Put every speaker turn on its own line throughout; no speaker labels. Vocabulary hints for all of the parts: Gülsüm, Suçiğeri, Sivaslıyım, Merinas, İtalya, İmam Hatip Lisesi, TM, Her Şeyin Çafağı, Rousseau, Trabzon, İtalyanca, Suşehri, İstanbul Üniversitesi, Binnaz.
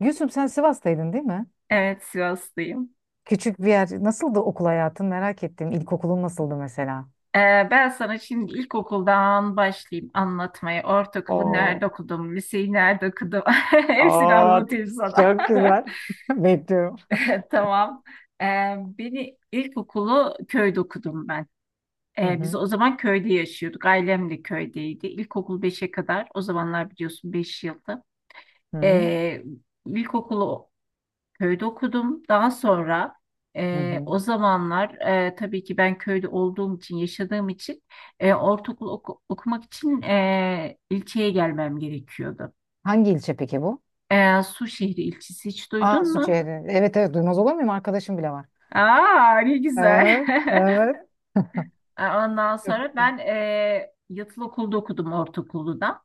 Gülsüm sen Sivas'taydın değil mi?
Evet, Sivaslıyım.
Küçük bir yer. Nasıldı okul hayatın? Merak ettim. İlkokulun nasıldı mesela?
Ee, Ben sana şimdi ilkokuldan başlayayım anlatmaya. Ortaokulu nerede
Oo,
okudum, liseyi nerede okudum, hepsini
aa,
anlatayım sana.
çok güzel. Bekliyorum.
Tamam. Ee, Beni ilkokulu köyde okudum ben.
Hı
Biz
hı.
o zaman köyde yaşıyorduk. Ailem de köydeydi. İlkokul beşe kadar. O zamanlar biliyorsun 5 yıldı.
Hı hı.
Ee, ilkokulu köyde okudum. Daha sonra
Hı hı.
o zamanlar tabii ki ben köyde olduğum için, yaşadığım için okumak için ilçeye gelmem gerekiyordu.
Hangi ilçe peki bu?
E, Suşehri ilçesi hiç
Aa,
duydun mu?
Suçiğeri. Evet, evet, duymaz olur muyum? Arkadaşım bile var.
Aa, ne güzel.
Evet, evet.
Ondan
Çok
sonra
güzel.
ben yatılı okulda okudum ortaokulda. Da.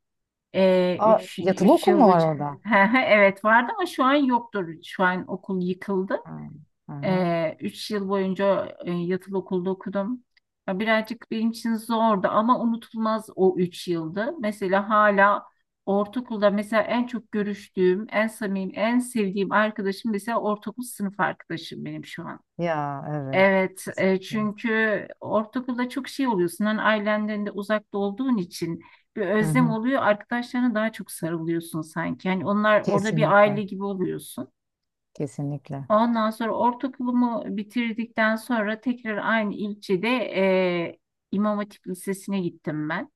Aa, evet. Yatılı
Üç
okul
yıl
mu var
boyunca.
orada?
Evet vardı ama şu an yoktur. Şu an okul yıkıldı.
Ha. Hı hı.
Üç yıl boyunca yatılı okulda okudum. Ya birazcık benim için zordu ama unutulmaz o 3 yıldı. Mesela hala ortaokulda mesela en çok görüştüğüm, en samimi, en sevdiğim arkadaşım mesela ortaokul sınıf arkadaşım benim şu an.
Ya, evet.
Evet,
Kesinlikle.
çünkü ortaokulda çok şey oluyorsun. Hani ailenden de uzakta olduğun için bir
Hı
özlem
hı.
oluyor. Arkadaşlarına daha çok sarılıyorsun sanki. Yani onlar orada bir aile
Kesinlikle.
gibi oluyorsun.
Kesinlikle.
Ondan sonra ortaokulumu bitirdikten sonra tekrar aynı ilçede e, İmam Hatip Lisesi'ne gittim ben.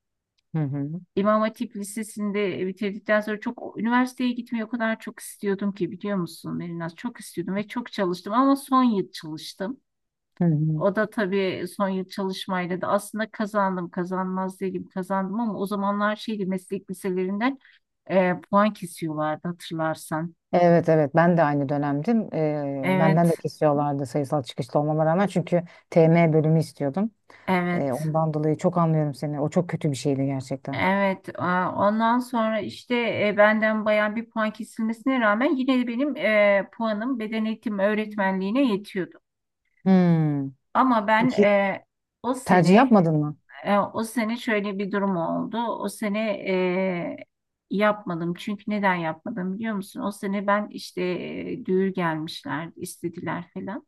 Hı hı.
İmam Hatip Lisesi'nde bitirdikten sonra çok üniversiteye gitmeyi o kadar çok istiyordum ki biliyor musun Merinas? Çok istiyordum ve çok çalıştım ama son yıl çalıştım.
Hı hı.
O da tabii son yıl çalışmayla da aslında kazandım kazanmaz değilim kazandım ama o zamanlar şeydi meslek liselerinden puan kesiyorlardı hatırlarsan.
Evet, evet, ben de aynı dönemdim.
Evet,
Benden de kesiyorlardı sayısal çıkışlı olmama rağmen çünkü TM bölümü istiyordum.
evet.
Ondan dolayı çok anlıyorum seni. O çok kötü bir şeydi gerçekten.
Evet, ondan sonra işte benden bayağı bir puan kesilmesine rağmen yine de benim puanım beden eğitimi öğretmenliğine yetiyordu.
Hmm.
Ama ben
Peki
e, o
tercih
sene
yapmadın mı?
e, o sene şöyle bir durum oldu. O sene yapmadım. Çünkü neden yapmadım biliyor musun? O sene ben işte düğür gelmişler, istediler falan.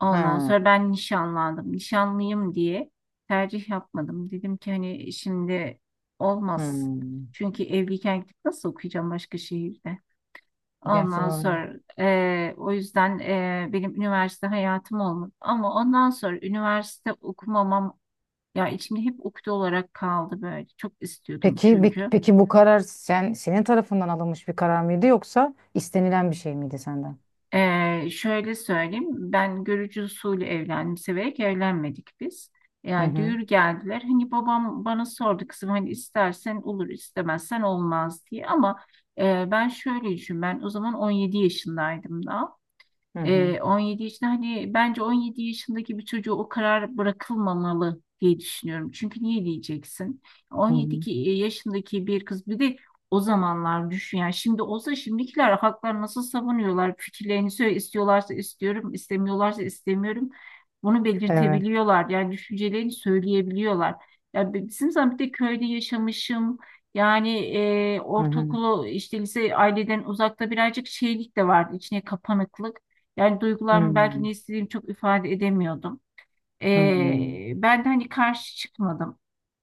Ondan
Ha.
sonra ben nişanlandım. Nişanlıyım diye tercih yapmadım. Dedim ki hani şimdi olmaz.
Hmm.
Çünkü evliyken gidip nasıl okuyacağım başka şehirde?
Gerçi
Ondan
doğru.
sonra o yüzden benim üniversite hayatım olmadı. Ama ondan sonra üniversite okumamam ya içimde hep ukde olarak kaldı böyle. Çok istiyordum
Peki pe-
çünkü.
peki bu karar senin tarafından alınmış bir karar mıydı yoksa istenilen bir şey miydi senden?
Şöyle söyleyeyim, ben görücü usulü evlendim, severek evlenmedik biz.
Hı
Yani
hı.
düğür geldiler, hani babam bana sordu kızım hani istersen olur, istemezsen olmaz diye. Ama ben şöyle düşün, ben o zaman 17 yaşındaydım da.
Hı hı.
17 yaşında hani bence 17 yaşındaki bir çocuğu o karar bırakılmamalı diye düşünüyorum. Çünkü niye diyeceksin?
Hı
17
hı.
ki- e, Yaşındaki bir kız bir de o zamanlar düşün yani şimdi olsa şimdikiler haklar nasıl savunuyorlar fikirlerini söyle istiyorlarsa istiyorum istemiyorlarsa istemiyorum bunu
Evet.
belirtebiliyorlar yani düşüncelerini söyleyebiliyorlar. Ya bizim zaman bir de köyde yaşamışım yani
Hı hı.
ortaokulu işte lise aileden uzakta birazcık şeylik de vardı içine kapanıklık. Yani
Hı
duygularımı belki
hı.
ne istediğimi çok ifade edemiyordum. Ben de hani karşı çıkmadım.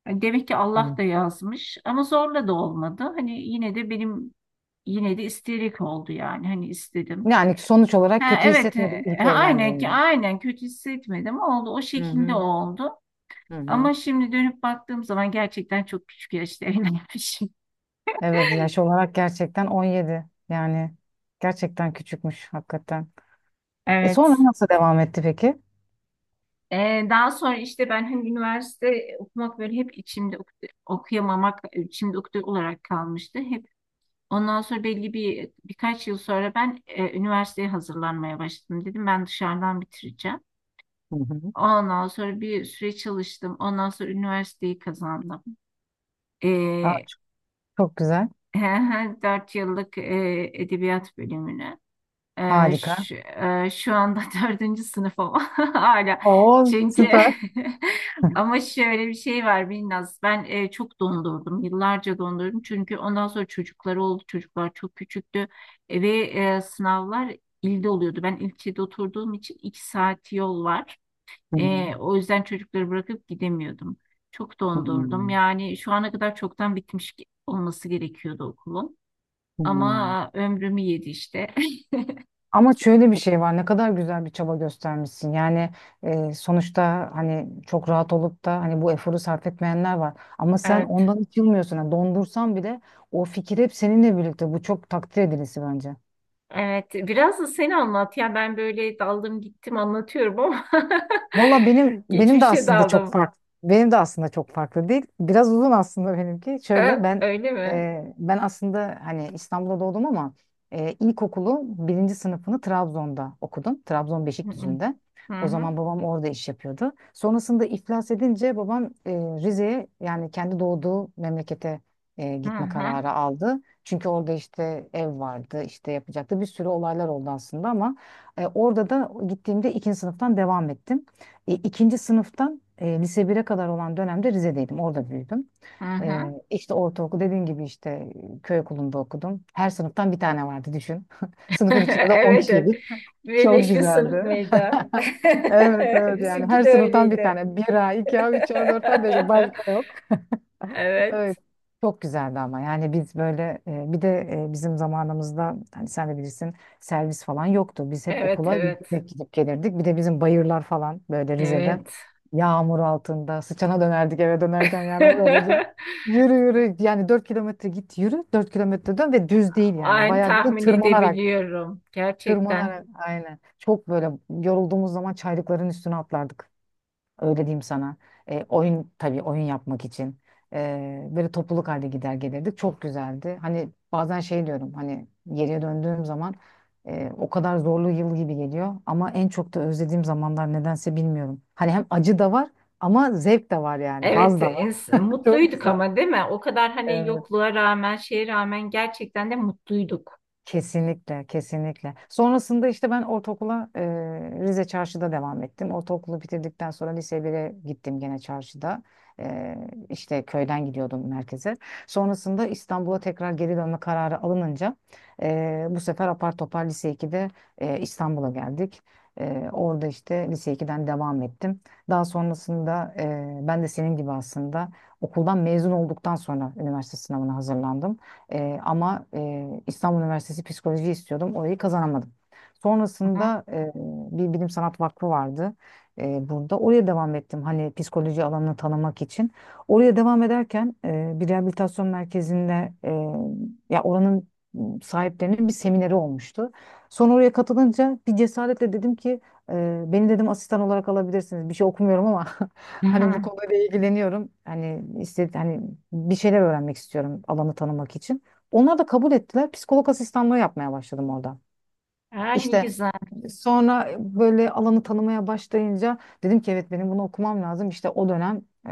Yani demek ki
Hı
Allah
hı.
da yazmış ama zorla da olmadı. Yine de isteyerek oldu yani hani istedim.
Yani sonuç olarak
Ha,
kötü
evet,
hissetmedim ilk evlendiğimde.
aynen kötü hissetmedim oldu o
Hı
şekilde
hı.
oldu.
Hı hı.
Ama şimdi dönüp baktığım zaman gerçekten çok küçük yaşta evlenmişim.
Evet, yaş olarak gerçekten 17. Yani gerçekten küçükmüş hakikaten. Sonra
Evet.
nasıl devam etti peki?
Daha sonra işte ben hani üniversite okumak böyle hep içimde okuyamamak, içimde ukde olarak kalmıştı. Hep ondan sonra belli bir birkaç yıl sonra ben üniversiteye hazırlanmaya başladım. Dedim ben dışarıdan bitireceğim.
Hı hı.
Ondan sonra bir süre çalıştım. Ondan sonra üniversiteyi kazandım.
Aa,
Ee,
çok güzel.
4 yıllık edebiyat bölümünü.
Harika.
Şu anda dördüncü sınıf ama hala.
Oo,
Çünkü
süper.
ama şöyle bir şey var Binnaz. Ben çok dondurdum. Yıllarca dondurdum. Çünkü ondan sonra çocukları oldu. Çocuklar çok küçüktü. E, ve Sınavlar ilde oluyordu. Ben ilçede oturduğum için 2 saat yol var.
Hı hı.
O yüzden çocukları bırakıp gidemiyordum. Çok
Hı
dondurdum. Yani şu ana kadar çoktan bitmiş olması gerekiyordu okulun.
hı.
Ama ömrümü yedi işte.
Ama şöyle bir şey var. Ne kadar güzel bir çaba göstermişsin. Yani sonuçta hani çok rahat olup da hani bu eforu sarf etmeyenler var. Ama sen
Evet.
ondan hiç yılmıyorsun. Yani dondursan bile o fikir hep seninle birlikte. Bu çok takdir edilisi bence.
Evet, biraz da sen anlat. Ya ben böyle daldım gittim anlatıyorum ama
Valla benim de
geçmişe
aslında çok
daldım.
farklı. Benim de aslında çok farklı değil. Biraz uzun aslında benimki. Şöyle, ben
Öyle mi?
e, ben aslında hani İstanbul'da doğdum ama ilkokulu birinci sınıfını Trabzon'da okudum. Trabzon
Hı
Beşikdüzü'nde.
hı
O
hı
zaman babam orada iş yapıyordu. Sonrasında iflas edince babam Rize'ye, yani kendi doğduğu memlekete
hı
gitme
hı.
kararı aldı. Çünkü orada işte ev vardı, işte yapacaktı. Bir sürü olaylar oldu aslında ama orada da gittiğimde ikinci sınıftan devam ettim. İkinci sınıftan lise 1'e kadar olan dönemde Rize'deydim. Orada büyüdüm.
hı hı.
İşte ortaokul dediğin gibi işte köy okulunda okudum. Her sınıftan bir tane vardı düşün. Sınıfın içinde de 10
Evet, evet.
kişiydik. Çok
Birleşmiş sınıf
güzeldi.
mıydı?
Evet, evet, yani
Bizimki
her
de
sınıftan bir
öyleydi.
tane. Bir, a 2A, 3A, 4A, 5A başka yok. Evet.
Evet,
Çok güzeldi ama yani biz böyle bir de bizim zamanımızda hani sen de bilirsin, servis falan yoktu. Biz hep
evet,
okula
evet,
yürüyerek gidip gelirdik. Bir de bizim bayırlar falan böyle Rize'de
evet.
yağmur altında sıçana dönerdik eve dönerken, yani o derece. Yürü yürü, yani 4 kilometre git, yürü 4 kilometre dön ve düz değil, yani
Aynı
bayağı bir de
tahmin
tırmanarak
edebiliyorum gerçekten.
tırmanarak, aynen. Çok böyle yorulduğumuz zaman çaylıkların üstüne atlardık. Öyle diyeyim sana. Oyun, tabii oyun yapmak için. Böyle topluluk halde gider gelirdik. Çok güzeldi. Hani bazen şey diyorum, hani geriye döndüğüm zaman o kadar zorlu yıl gibi geliyor. Ama en çok da özlediğim zamanlar, nedense bilmiyorum. Hani hem acı da var ama zevk de var yani.
Evet,
Haz da var. Çok
mutluyduk
güzel.
ama değil mi? O kadar hani
Evet.
yokluğa rağmen, şeye rağmen gerçekten de mutluyduk.
Kesinlikle, kesinlikle. Sonrasında işte ben ortaokula Rize Çarşı'da devam ettim. Ortaokulu bitirdikten sonra lise 1'e gittim gene çarşıda. E, işte köyden gidiyordum merkeze. Sonrasında İstanbul'a tekrar geri dönme kararı alınınca bu sefer apar topar lise 2'de İstanbul'a geldik. Orada işte lise 2'den devam ettim. Daha sonrasında ben de senin gibi aslında okuldan mezun olduktan sonra üniversite sınavına hazırlandım. Ama İstanbul Üniversitesi psikoloji istiyordum. Orayı kazanamadım.
Hı hı.
Sonrasında bir bilim sanat vakfı vardı burada. Oraya devam ettim, hani psikoloji alanını tanımak için. Oraya devam ederken bir rehabilitasyon merkezinde ya oranın sahiplerinin bir semineri olmuştu. Sonra oraya katılınca bir cesaretle dedim ki beni, dedim, asistan olarak alabilirsiniz. Bir şey okumuyorum ama
Hı
hani bu
hı.
konuyla ilgileniyorum. Hani istedi hani bir şeyler öğrenmek istiyorum, alanı tanımak için. Onlar da kabul ettiler. Psikolog asistanlığı yapmaya başladım orada.
Ha, ne
İşte
güzel.
sonra böyle alanı tanımaya başlayınca dedim ki evet, benim bunu okumam lazım. İşte o dönem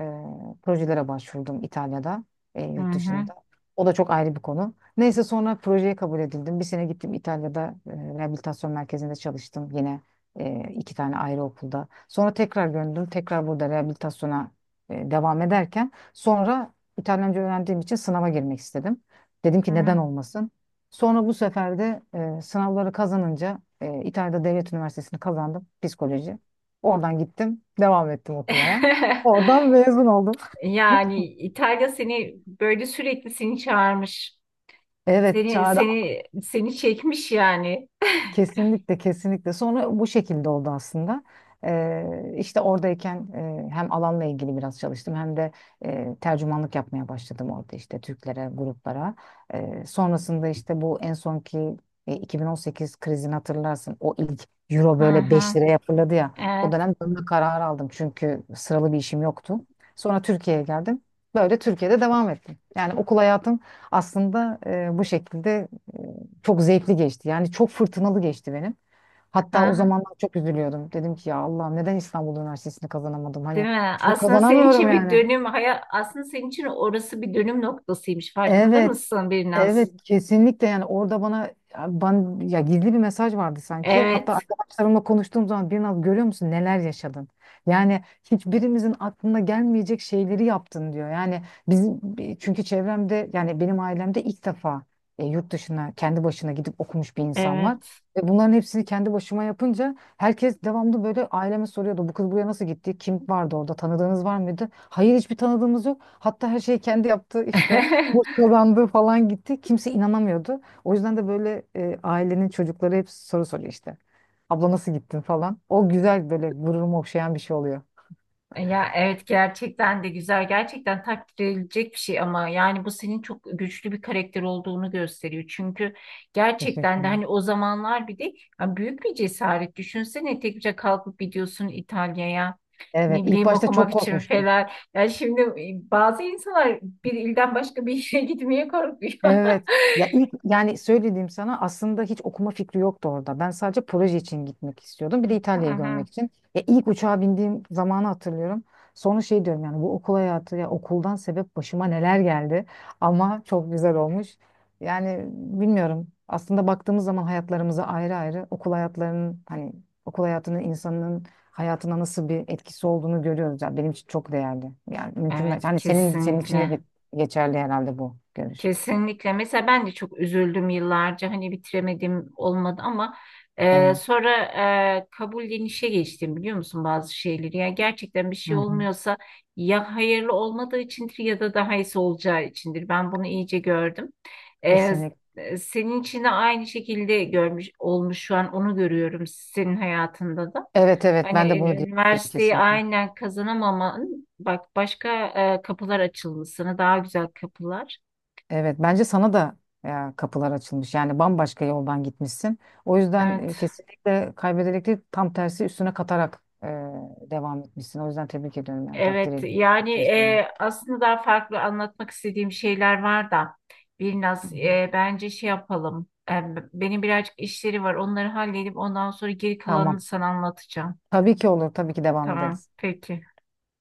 projelere başvurdum İtalya'da,
Hı
yurt
hı.
dışında. O da çok ayrı bir konu. Neyse, sonra projeye kabul edildim. Bir sene gittim İtalya'da, rehabilitasyon merkezinde çalıştım. Yine 2 tane ayrı okulda. Sonra tekrar döndüm. Tekrar burada rehabilitasyona devam ederken sonra İtalyanca öğrendiğim için sınava girmek istedim. Dedim
Hı
ki neden
hı.
olmasın? Sonra bu sefer de sınavları kazanınca İtalya'da Devlet Üniversitesi'ni kazandım, psikoloji. Oradan gittim, devam ettim okumaya. Oradan mezun oldum.
Yani İtalya seni böyle sürekli seni çağırmış.
Evet,
Seni
çağrı.
seni seni çekmiş yani.
Kesinlikle, kesinlikle, sonra bu şekilde oldu aslında. İşte oradayken hem alanla ilgili biraz çalıştım hem de tercümanlık yapmaya başladım orada, işte Türklere, gruplara. Sonrasında işte bu en sonki 2018 krizini hatırlarsın, o ilk euro
Hı
böyle 5
hı.
liraya fırladı ya, o
Evet.
dönem dönme kararı aldım çünkü sıralı bir işim yoktu. Sonra Türkiye'ye geldim, böyle Türkiye'de devam ettim. Yani okul hayatım aslında bu şekilde çok zevkli geçti. Yani çok fırtınalı geçti benim.
Hı
Hatta o
hı.
zamanlar çok üzülüyordum. Dedim ki ya Allah'ım, neden İstanbul Üniversitesi'ni kazanamadım?
Değil
Hani
mi?
çünkü
Aslında senin
kazanamıyorum
için bir
yani.
dönüm hayat aslında senin için orası bir dönüm noktasıymış. Farkında
Evet.
mısın
Evet,
biraz?
kesinlikle, yani orada bana ya ben, ya gizli bir mesaj vardı sanki. Hatta
Evet,
arkadaşlarımla konuştuğum zaman, bir naz, görüyor musun neler yaşadın? Yani hiçbirimizin aklına gelmeyecek şeyleri yaptın, diyor. Yani bizim, çünkü çevremde, yani benim ailemde ilk defa yurt dışına kendi başına gidip okumuş bir insan var.
evet.
Ve bunların hepsini kendi başıma yapınca herkes devamlı böyle aileme soruyordu. Bu kız buraya nasıl gitti? Kim vardı orada? Tanıdığınız var mıydı? Hayır, hiçbir tanıdığımız yok. Hatta her şeyi kendi yaptı, işte burs kazandı falan gitti. Kimse inanamıyordu. O yüzden de böyle ailenin çocukları hep soru soruyor işte. Abla nasıl gittin falan. O güzel böyle, gururumu okşayan bir şey oluyor.
Ya evet gerçekten de güzel gerçekten takdir edilecek bir şey ama yani bu senin çok güçlü bir karakter olduğunu gösteriyor. Çünkü
Teşekkür
gerçekten de
ederim.
hani o zamanlar bir de ya büyük bir cesaret düşünsene tek başına kalkıp gidiyorsun İtalya'ya
Evet,
ne
ilk
bileyim
başta
okumak
çok
için
korkmuştum.
falan. Yani şimdi bazı insanlar bir ilden başka bir yere gitmeye korkuyor.
Evet. Ya ilk, yani söylediğim sana, aslında hiç okuma fikri yoktu orada. Ben sadece proje için gitmek istiyordum. Bir de
Hı
İtalya'yı
hı.
görmek için. Ya ilk uçağa bindiğim zamanı hatırlıyorum. Sonra şey diyorum, yani bu okul hayatı, ya okuldan sebep başıma neler geldi. Ama çok güzel olmuş. Yani bilmiyorum. Aslında baktığımız zaman hayatlarımıza ayrı ayrı, okul hayatlarının, hani okul hayatının insanın hayatına nasıl bir etkisi olduğunu görüyoruz. Yani benim için çok değerli. Yani mümkün.
Evet
Hani senin için de
kesinlikle.
geçerli herhalde bu görüş.
Kesinlikle. Mesela ben de çok üzüldüm yıllarca. Hani bitiremedim olmadı ama
Evet.
sonra kabullenişe geçtim biliyor musun bazı şeyleri. Yani gerçekten bir
Hı
şey
hı.
olmuyorsa ya hayırlı olmadığı içindir ya da daha iyisi olacağı içindir. Ben bunu iyice gördüm. E,
Kesinlikle.
Senin için de aynı şekilde görmüş olmuş şu an onu görüyorum senin hayatında da.
Evet, evet,
Hani
ben de bunu diyebilirim
üniversiteyi
kesinlikle.
aynen kazanamaman bak başka kapılar açılmasını daha güzel kapılar.
Evet, bence sana da ya, kapılar açılmış. Yani bambaşka yoldan gitmişsin. O yüzden
Evet.
kesinlikle kaybederek değil, tam tersi üstüne katarak devam etmişsin. O yüzden tebrik ediyorum, yani takdir
Evet
ediyorum
yani
yaptığın şeyi.
aslında daha farklı anlatmak istediğim şeyler var da
Hı
biraz
hı.
bence şey yapalım. Benim birazcık işleri var onları halledip ondan sonra geri kalanını
Tamam.
sana anlatacağım.
Tabii ki olur. Tabii ki devam
Tamam
ederiz.
peki.